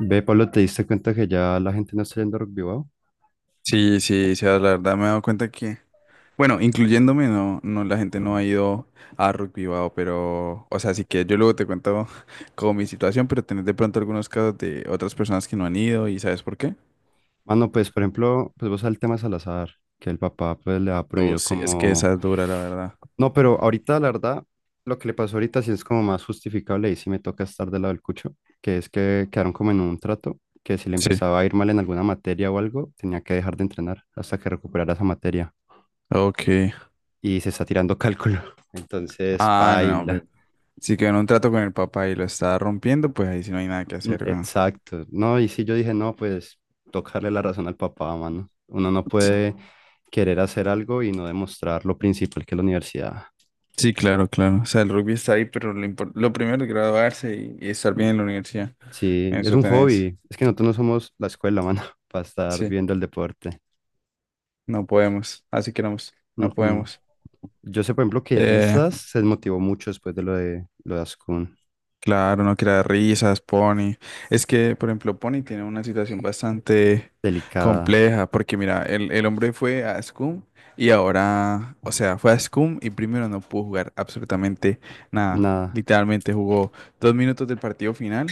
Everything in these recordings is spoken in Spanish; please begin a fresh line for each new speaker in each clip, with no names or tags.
Ve, Pablo, ¿te diste cuenta que ya la gente no está yendo a Rock Bilbao?
Sí, sí, sí, la verdad me he dado cuenta que, bueno, incluyéndome, no, no, la gente no ha ido a Rugby Bao, pero, o sea, sí que yo luego te cuento como mi situación, pero tenés de pronto algunos casos de otras personas que no han ido y ¿sabes por qué?
Mano, pues, por ejemplo, pues vos al tema Salazar, que el papá pues le ha
No,
prohibido
sí, es que
como...
esa es dura, la verdad.
No, pero ahorita, la verdad, lo que le pasó ahorita sí es como más justificable y sí me toca estar del lado del cucho, que es que quedaron como en un trato, que si le
Sí.
empezaba a ir mal en alguna materia o algo, tenía que dejar de entrenar hasta que recuperara esa materia.
Ok.
Y se está tirando cálculo. Entonces,
Ah, no,
baila.
pero si quedó en un trato con el papá y lo está rompiendo, pues ahí sí no hay nada que hacer, weón.
Exacto, no, y si yo dije, no, pues tocarle la razón al papá, mano. Uno no
Sí,
puede querer hacer algo y no demostrar lo principal que es la universidad.
sí, claro, claro. O sea, el rugby está ahí, pero lo primero es graduarse y estar bien en la universidad.
Sí, es
Eso
un
tenés.
hobby, es que nosotros no somos la escuela, mano, para estar
Sí.
viendo el deporte.
No podemos, así queremos,
Mm,
no
mm.
podemos.
Yo sé, por ejemplo, que
Eh,
Risas se desmotivó mucho después de lo de Ascun.
Claro, no quiera risas, Pony. Es que, por ejemplo, Pony tiene una situación bastante
Delicada,
compleja, porque mira, el hombre fue a SCUM y ahora, o sea, fue a SCUM y primero no pudo jugar absolutamente nada.
nada,
Literalmente jugó 2 minutos del partido final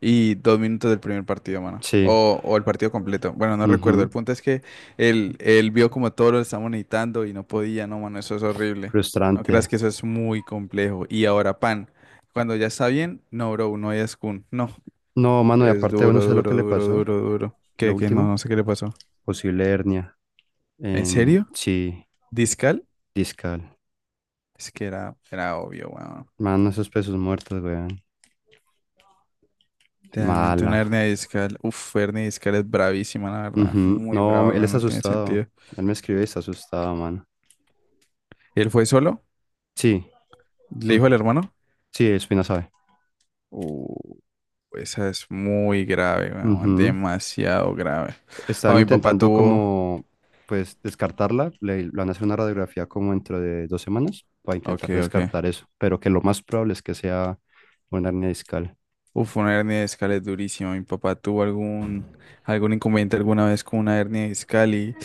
y 2 minutos del primer partido, mano.
sí,
O el partido completo. Bueno, no recuerdo.
ujú,
El punto es que él vio como todo lo estamos necesitando y no podía, no, mano, eso es horrible. No creas
frustrante.
que eso es muy complejo. Y ahora, Pan. Cuando ya está bien, no, bro, no es Kun. No,
No, mano, y
es
aparte, uno
duro,
sabe lo que
duro,
le
duro,
pasó,
duro, duro.
lo
Que no,
último,
no sé qué le pasó.
posible hernia.
¿En
En,
serio?
sí,
¿Discal?
discal.
Es que era obvio, weón.
Mano, esos pesos muertos, weón.
Realmente
Mala.
una hernia discal. Uf, hernia discal es bravísima, la verdad.
Ujú.
Muy brava,
No, él
weón,
está
no tiene
asustado.
sentido.
Él me escribe y está asustado, mano.
¿Y él fue solo?
Sí.
¿Le
Ujú.
dijo al hermano?
Sí, Espina sabe.
Uh, Esa es muy grave, weón.
Ujú.
Demasiado grave. Oh,
Están
mi papá
intentando
tuvo.
como, pues, descartarla. Le van a hacer una radiografía como dentro de 2 semanas para
Ok,
intentar
ok.
descartar eso. Pero que lo más probable es que sea una hernia discal.
Uf, una hernia de discal es durísima. Mi papá tuvo algún inconveniente alguna vez con una hernia de discal y,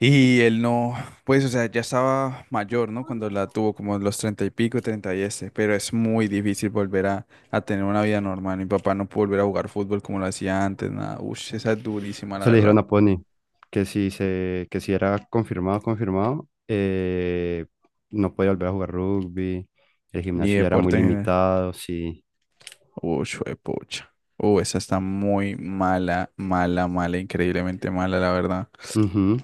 y él no, pues, o sea, ya estaba mayor, ¿no? Cuando la tuvo, como los treinta y pico, treinta y este, pero es muy difícil volver a tener una vida normal. Mi papá no pudo volver a jugar fútbol como lo hacía antes, nada. Ush, esa es durísima, la
Eso le dijeron
verdad.
a Pony, que si era confirmado, confirmado, no podía volver a jugar rugby, el
Ni
gimnasio ya era muy
deporte en general.
limitado, sí.
Ush, pucha. Esa está muy mala, mala, mala, increíblemente mala, la verdad.
Ujú.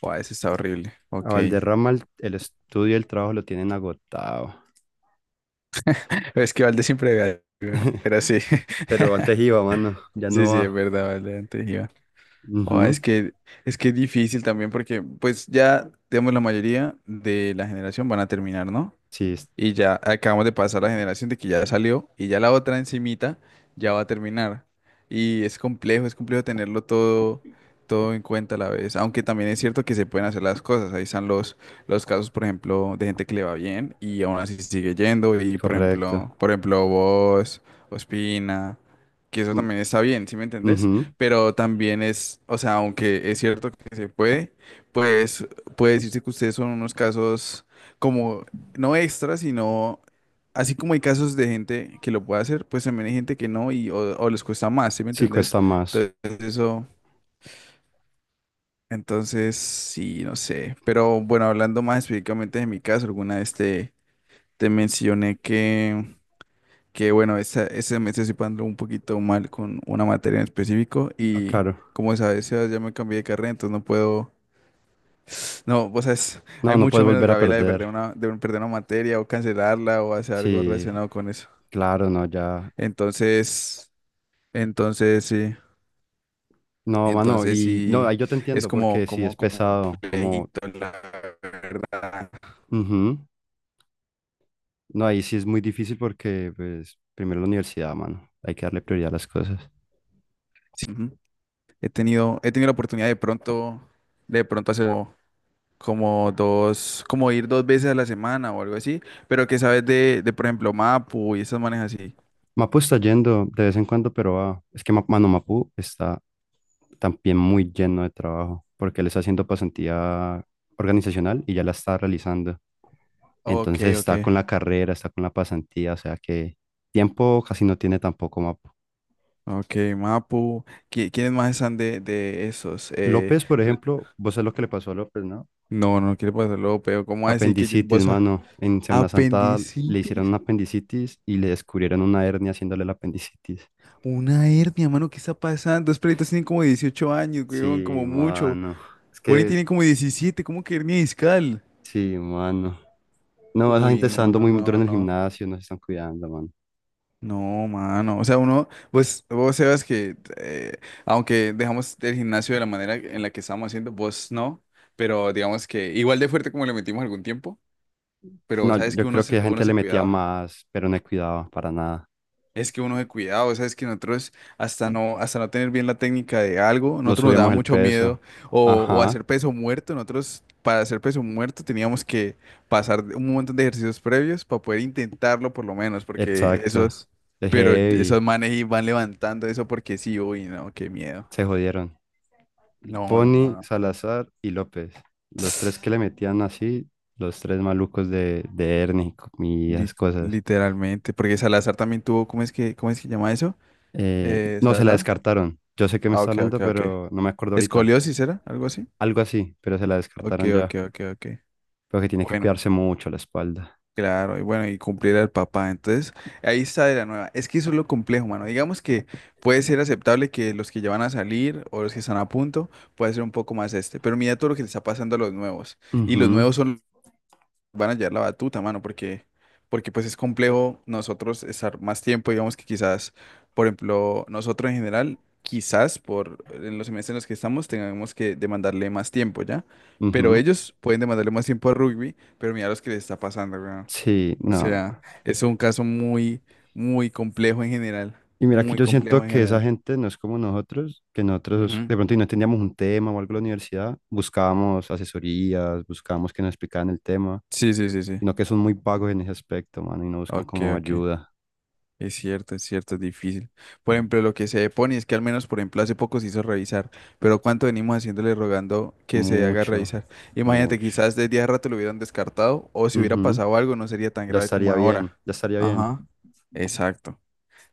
Wow, esa está horrible.
A
Ok.
Valderrama el estudio y el trabajo lo tienen agotado.
Es que Valde siempre ve. Pero sí,
Pero antes iba, mano, ya
sí,
no
sí, es
va.
verdad, vale, antes iba. Oh, es
Ujú.
que, es que es difícil también porque, pues ya, digamos, la mayoría de la generación van a terminar, ¿no?
Sí, es
Y ya acabamos de pasar la generación de que ya salió y ya la otra encimita ya va a terminar. Y es complejo tenerlo todo en cuenta a la vez. Aunque también es cierto que se pueden hacer las cosas. Ahí están los casos, por ejemplo, de gente que le va bien y aún así sigue yendo. Y por
correcto.
ejemplo, por ejemplo, vos, Ospina, que eso
Mm,
también está bien, ¿sí me entendés?
ujú.
Pero también es, o sea, aunque es cierto que se puede, pues puede decirse que ustedes son unos casos como no extra, sino así como hay casos de gente que lo puede hacer, pues también hay gente que no y o les cuesta más, ¿sí me
Sí,
entendés?
cuesta más.
Entonces eso, entonces sí, no sé. Pero bueno, hablando más específicamente de mi caso, alguna vez te mencioné que, bueno, ese mes estoy pasando un poquito mal con una materia en específico
Ah,
y
claro.
como sabes, Sebas, ya me cambié de carrera, entonces no puedo. No, vos sabes,
No,
hay
no
mucho
puedes
menos
volver a
gabela de perder
perder.
una, de perder una materia o cancelarla o hacer algo
Sí,
relacionado con eso.
claro, no, ya.
Entonces, entonces sí,
No, mano,
entonces
y no,
sí,
ahí yo te
es
entiendo
como,
porque sí es
como
pesado, como,
complejito, la verdad.
ujú. No, ahí sí es muy difícil porque, pues, primero la universidad, mano, hay que darle prioridad a las cosas.
Sí, ujú. He tenido la oportunidad de pronto hacer como dos, como ir dos veces a la semana o algo así, pero que sabes de por ejemplo, Mapu y esas manejas así.
Mapu está yendo de vez en cuando, pero es que, mano, Mapu está también muy lleno de trabajo porque él está haciendo pasantía organizacional y ya la está realizando.
Ok,
Entonces
ok,
está con la carrera, está con la pasantía, o sea que tiempo casi no tiene tampoco Mapu.
ok, Mapu. ¿Quiénes más están de esos? Eh,
López, por
r-
ejemplo, vos sabés lo que le pasó a López, ¿no?
no, no quiero pasarlo, pero ¿cómo así que
Apendicitis, mano. En Semana Santa le hicieron
apendicitis?
una apendicitis y le descubrieron una hernia haciéndole la apendicitis.
Una hernia, mano, ¿qué está pasando? Los perritos tienen como 18 años, weón,
Sí,
como mucho.
mano. Es
Pony
que,
tiene como 17. ¿Cómo que hernia discal?
sí, mano. No, esa
Uy,
gente está
no,
dando
no,
muy duro
no,
en el
no.
gimnasio, no se están cuidando, mano.
No, mano. O sea, uno, pues, vos sabes que, aunque dejamos el gimnasio de la manera en la que estábamos haciendo, vos no, pero digamos que igual de fuerte como le metimos algún tiempo, pero
No,
sabes
yo
que uno,
creo que
se-
la
uno
gente le
se
metía
cuidaba.
más, pero no cuidaba para nada.
Es que uno de cuidado, sabes que nosotros hasta no tener bien la técnica de algo,
No
nosotros nos daba
subíamos el
mucho miedo
peso.
o
Ajá,
hacer peso muerto, nosotros para hacer peso muerto teníamos que pasar un montón de ejercicios previos para poder intentarlo por lo menos, porque
exacto.
esos,
Es
pero
heavy.
esos manes y van levantando eso porque sí, uy, no, qué miedo.
Se jodieron.
No, no, no,
Pony,
no.
Salazar y López. Los tres que le metían así, los tres malucos de Ernie y
Li-
esas cosas.
literalmente, porque Salazar también tuvo, ¿cómo es que llama eso?
No, se la
Salazar.
descartaron. Yo sé que me
Ah,
está
ok,
hablando,
ok, ok.
pero no me acuerdo ahorita.
Escoliosis era, algo así.
Algo así, pero se la
Ok,
descartaron
ok,
ya.
ok, ok.
Pero que tiene que
Bueno,
cuidarse mucho la espalda.
claro, y bueno, y cumplir al papá. Entonces, ahí está de la nueva. Es que eso es lo complejo, mano. Digamos que puede ser aceptable que los que ya van a salir o los que están a punto, puede ser un poco más este. Pero mira todo lo que le está pasando a los nuevos. Y los
Ujú,
nuevos son van a llevar la batuta, mano, porque pues es complejo nosotros estar más tiempo, digamos que quizás, por ejemplo, nosotros en general, quizás por en los semestres en los que estamos tengamos que demandarle más tiempo, ¿ya? Pero
ujú.
ellos pueden demandarle más tiempo a rugby, pero mira los que les está pasando, weón.
Sí,
O
no.
sea, es un caso muy, muy complejo en general,
Y mira que
muy
yo siento
complejo en
que esa
general.
gente no es como nosotros, que nosotros de
Ujú.
pronto y no teníamos un tema o algo en la universidad, buscábamos asesorías, buscábamos que nos explicaran el tema,
Sí, sí, sí, sí.
sino que son muy vagos en ese aspecto, mano, y no buscan
Ok,
como
ok.
ayuda.
Es cierto, es cierto, es difícil. Por ejemplo, lo que se pone es que al menos, por ejemplo, hace poco se hizo revisar, pero ¿cuánto venimos haciéndole rogando que se haga
Mucho,
revisar? Imagínate,
mucho.
quizás desde hace rato lo hubieran descartado o si hubiera
Ujú.
pasado algo no sería tan
Ya
grave como
estaría bien,
ahora.
ya estaría bien.
Ajá, exacto.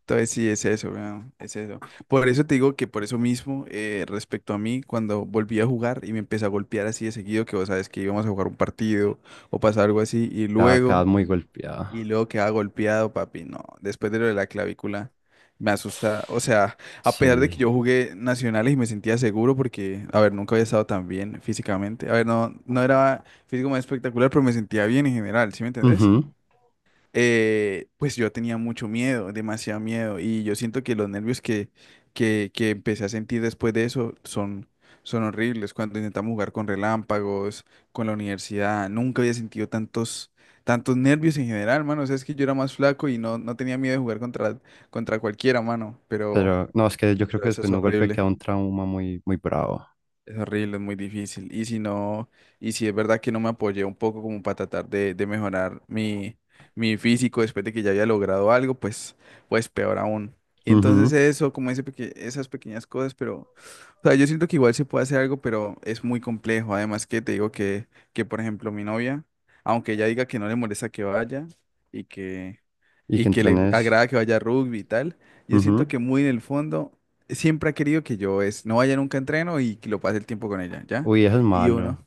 Entonces sí, es eso, weón, es eso. Por eso te digo que por eso mismo, respecto a mí, cuando volví a jugar y me empecé a golpear así de seguido, que vos sabes que íbamos a jugar un partido o pasar algo así, y
Cada, cada
luego.
muy
Y
golpeada.
luego queda golpeado, papi, no. Después de lo de la clavícula, me asusta. O sea, a pesar de
Sí.
que yo jugué nacionales y me sentía seguro porque, a ver, nunca había estado tan bien físicamente. A ver, no, no era físico más espectacular, pero me sentía bien en general, ¿sí me entendés?
Ujú.
Pues yo tenía mucho miedo, demasiado miedo, y yo siento que los nervios que empecé a sentir después de eso son horribles. Cuando intentamos jugar con relámpagos, con la universidad, nunca había sentido tantos nervios en general, mano. O sea, es que yo era más flaco y no tenía miedo de jugar contra cualquiera, mano, pero,
Pero no, es que yo creo
pero
que
eso
después
es
de un golpe
horrible.
queda un trauma muy, muy bravo.
Es horrible, es muy difícil. Y si no, y si es verdad que no me apoyé un poco como para tratar de mejorar mi físico después de que ya había logrado algo, pues peor aún. Y entonces
Ujú.
eso, como esas pequeñas cosas, pero, o sea, yo siento que igual se puede hacer algo, pero es muy complejo. Además que te digo que por ejemplo, mi novia, aunque ella diga que no le molesta que vaya y que
Y
y
que
que le
entrenes.
agrada que vaya a rugby y tal. Yo siento
Ujú.
que muy en el fondo siempre ha querido que yo no vaya nunca a entreno y que lo pase el tiempo con ella, ¿ya?
Uy, eso es
Y uno,
malo.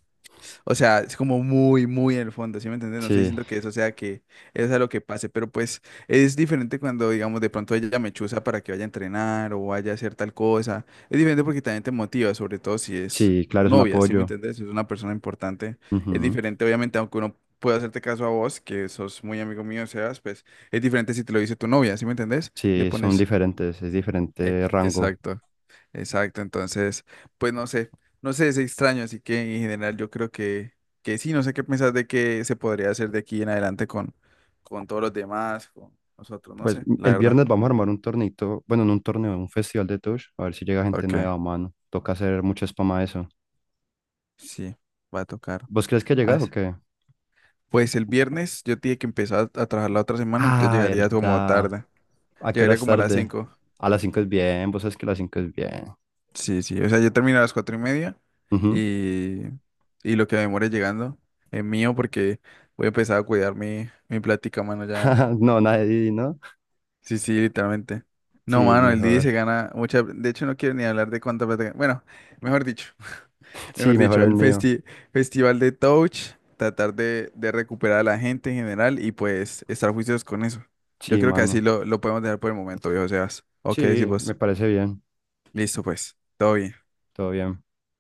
o sea, es como muy, muy en el fondo, ¿sí me entiendes? No estoy
Sí,
diciendo que eso sea lo que pase, pero pues es diferente cuando, digamos, de pronto ella me chusa para que vaya a entrenar o vaya a hacer tal cosa. Es diferente porque también te motiva, sobre todo si es
sí,
tu
claro, es un
novia, ¿sí me
apoyo.
entiendes? Si es una persona importante. Es
Ujú.
diferente, obviamente, aunque uno pueda hacerte caso a vos, que sos muy amigo mío, Sebas, pues es diferente si te lo dice tu novia, ¿sí me entendés? Le
Sí, son
pones.
diferentes, es diferente
Ec-
rango.
Exacto. Exacto, entonces, pues no sé, no sé, es extraño, así que en general yo creo que sí, no sé qué pensás de qué se podría hacer de aquí en adelante con todos los demás, con nosotros, no
Pues
sé, la
el
verdad.
viernes vamos a armar un tornito, bueno, no un torneo, un festival de Touch, a ver si llega gente
Ok,
nueva, mano. Toca hacer mucha spam a eso.
sí, va a tocar.
¿Vos crees que llegas o
As-
qué?
Pues el viernes yo tenía que empezar a trabajar la otra semana, entonces
Ah,
llegaría como
verdad.
tarde,
¿A qué hora
llegaría
es
como a las
tarde?
5.
A las 5 es bien, vos sabes que a las 5 es bien.
Sí, sí, o sea, yo termino a las 4:30
Ujú.
y, y lo que me demore llegando es mío porque voy a empezar a cuidar mi plática, mano, ya.
No, nadie, ¿no?
Sí, sí, literalmente.
Sí,
No, mano, el DJ
mejor.
se gana mucha. De hecho, no quiero ni hablar de cuánta plata gana. Bueno, mejor dicho, mejor
Sí, mejor
dicho,
el
el
mío.
festival de Touch, tratar de recuperar a la gente en general y pues estar juiciosos con eso. Yo
Sí,
creo que así
mano.
lo podemos dejar por el momento, viejo Sebas. Ok,
Sí, me
decimos,
parece bien.
listo, pues, todo bien.
Todo bien.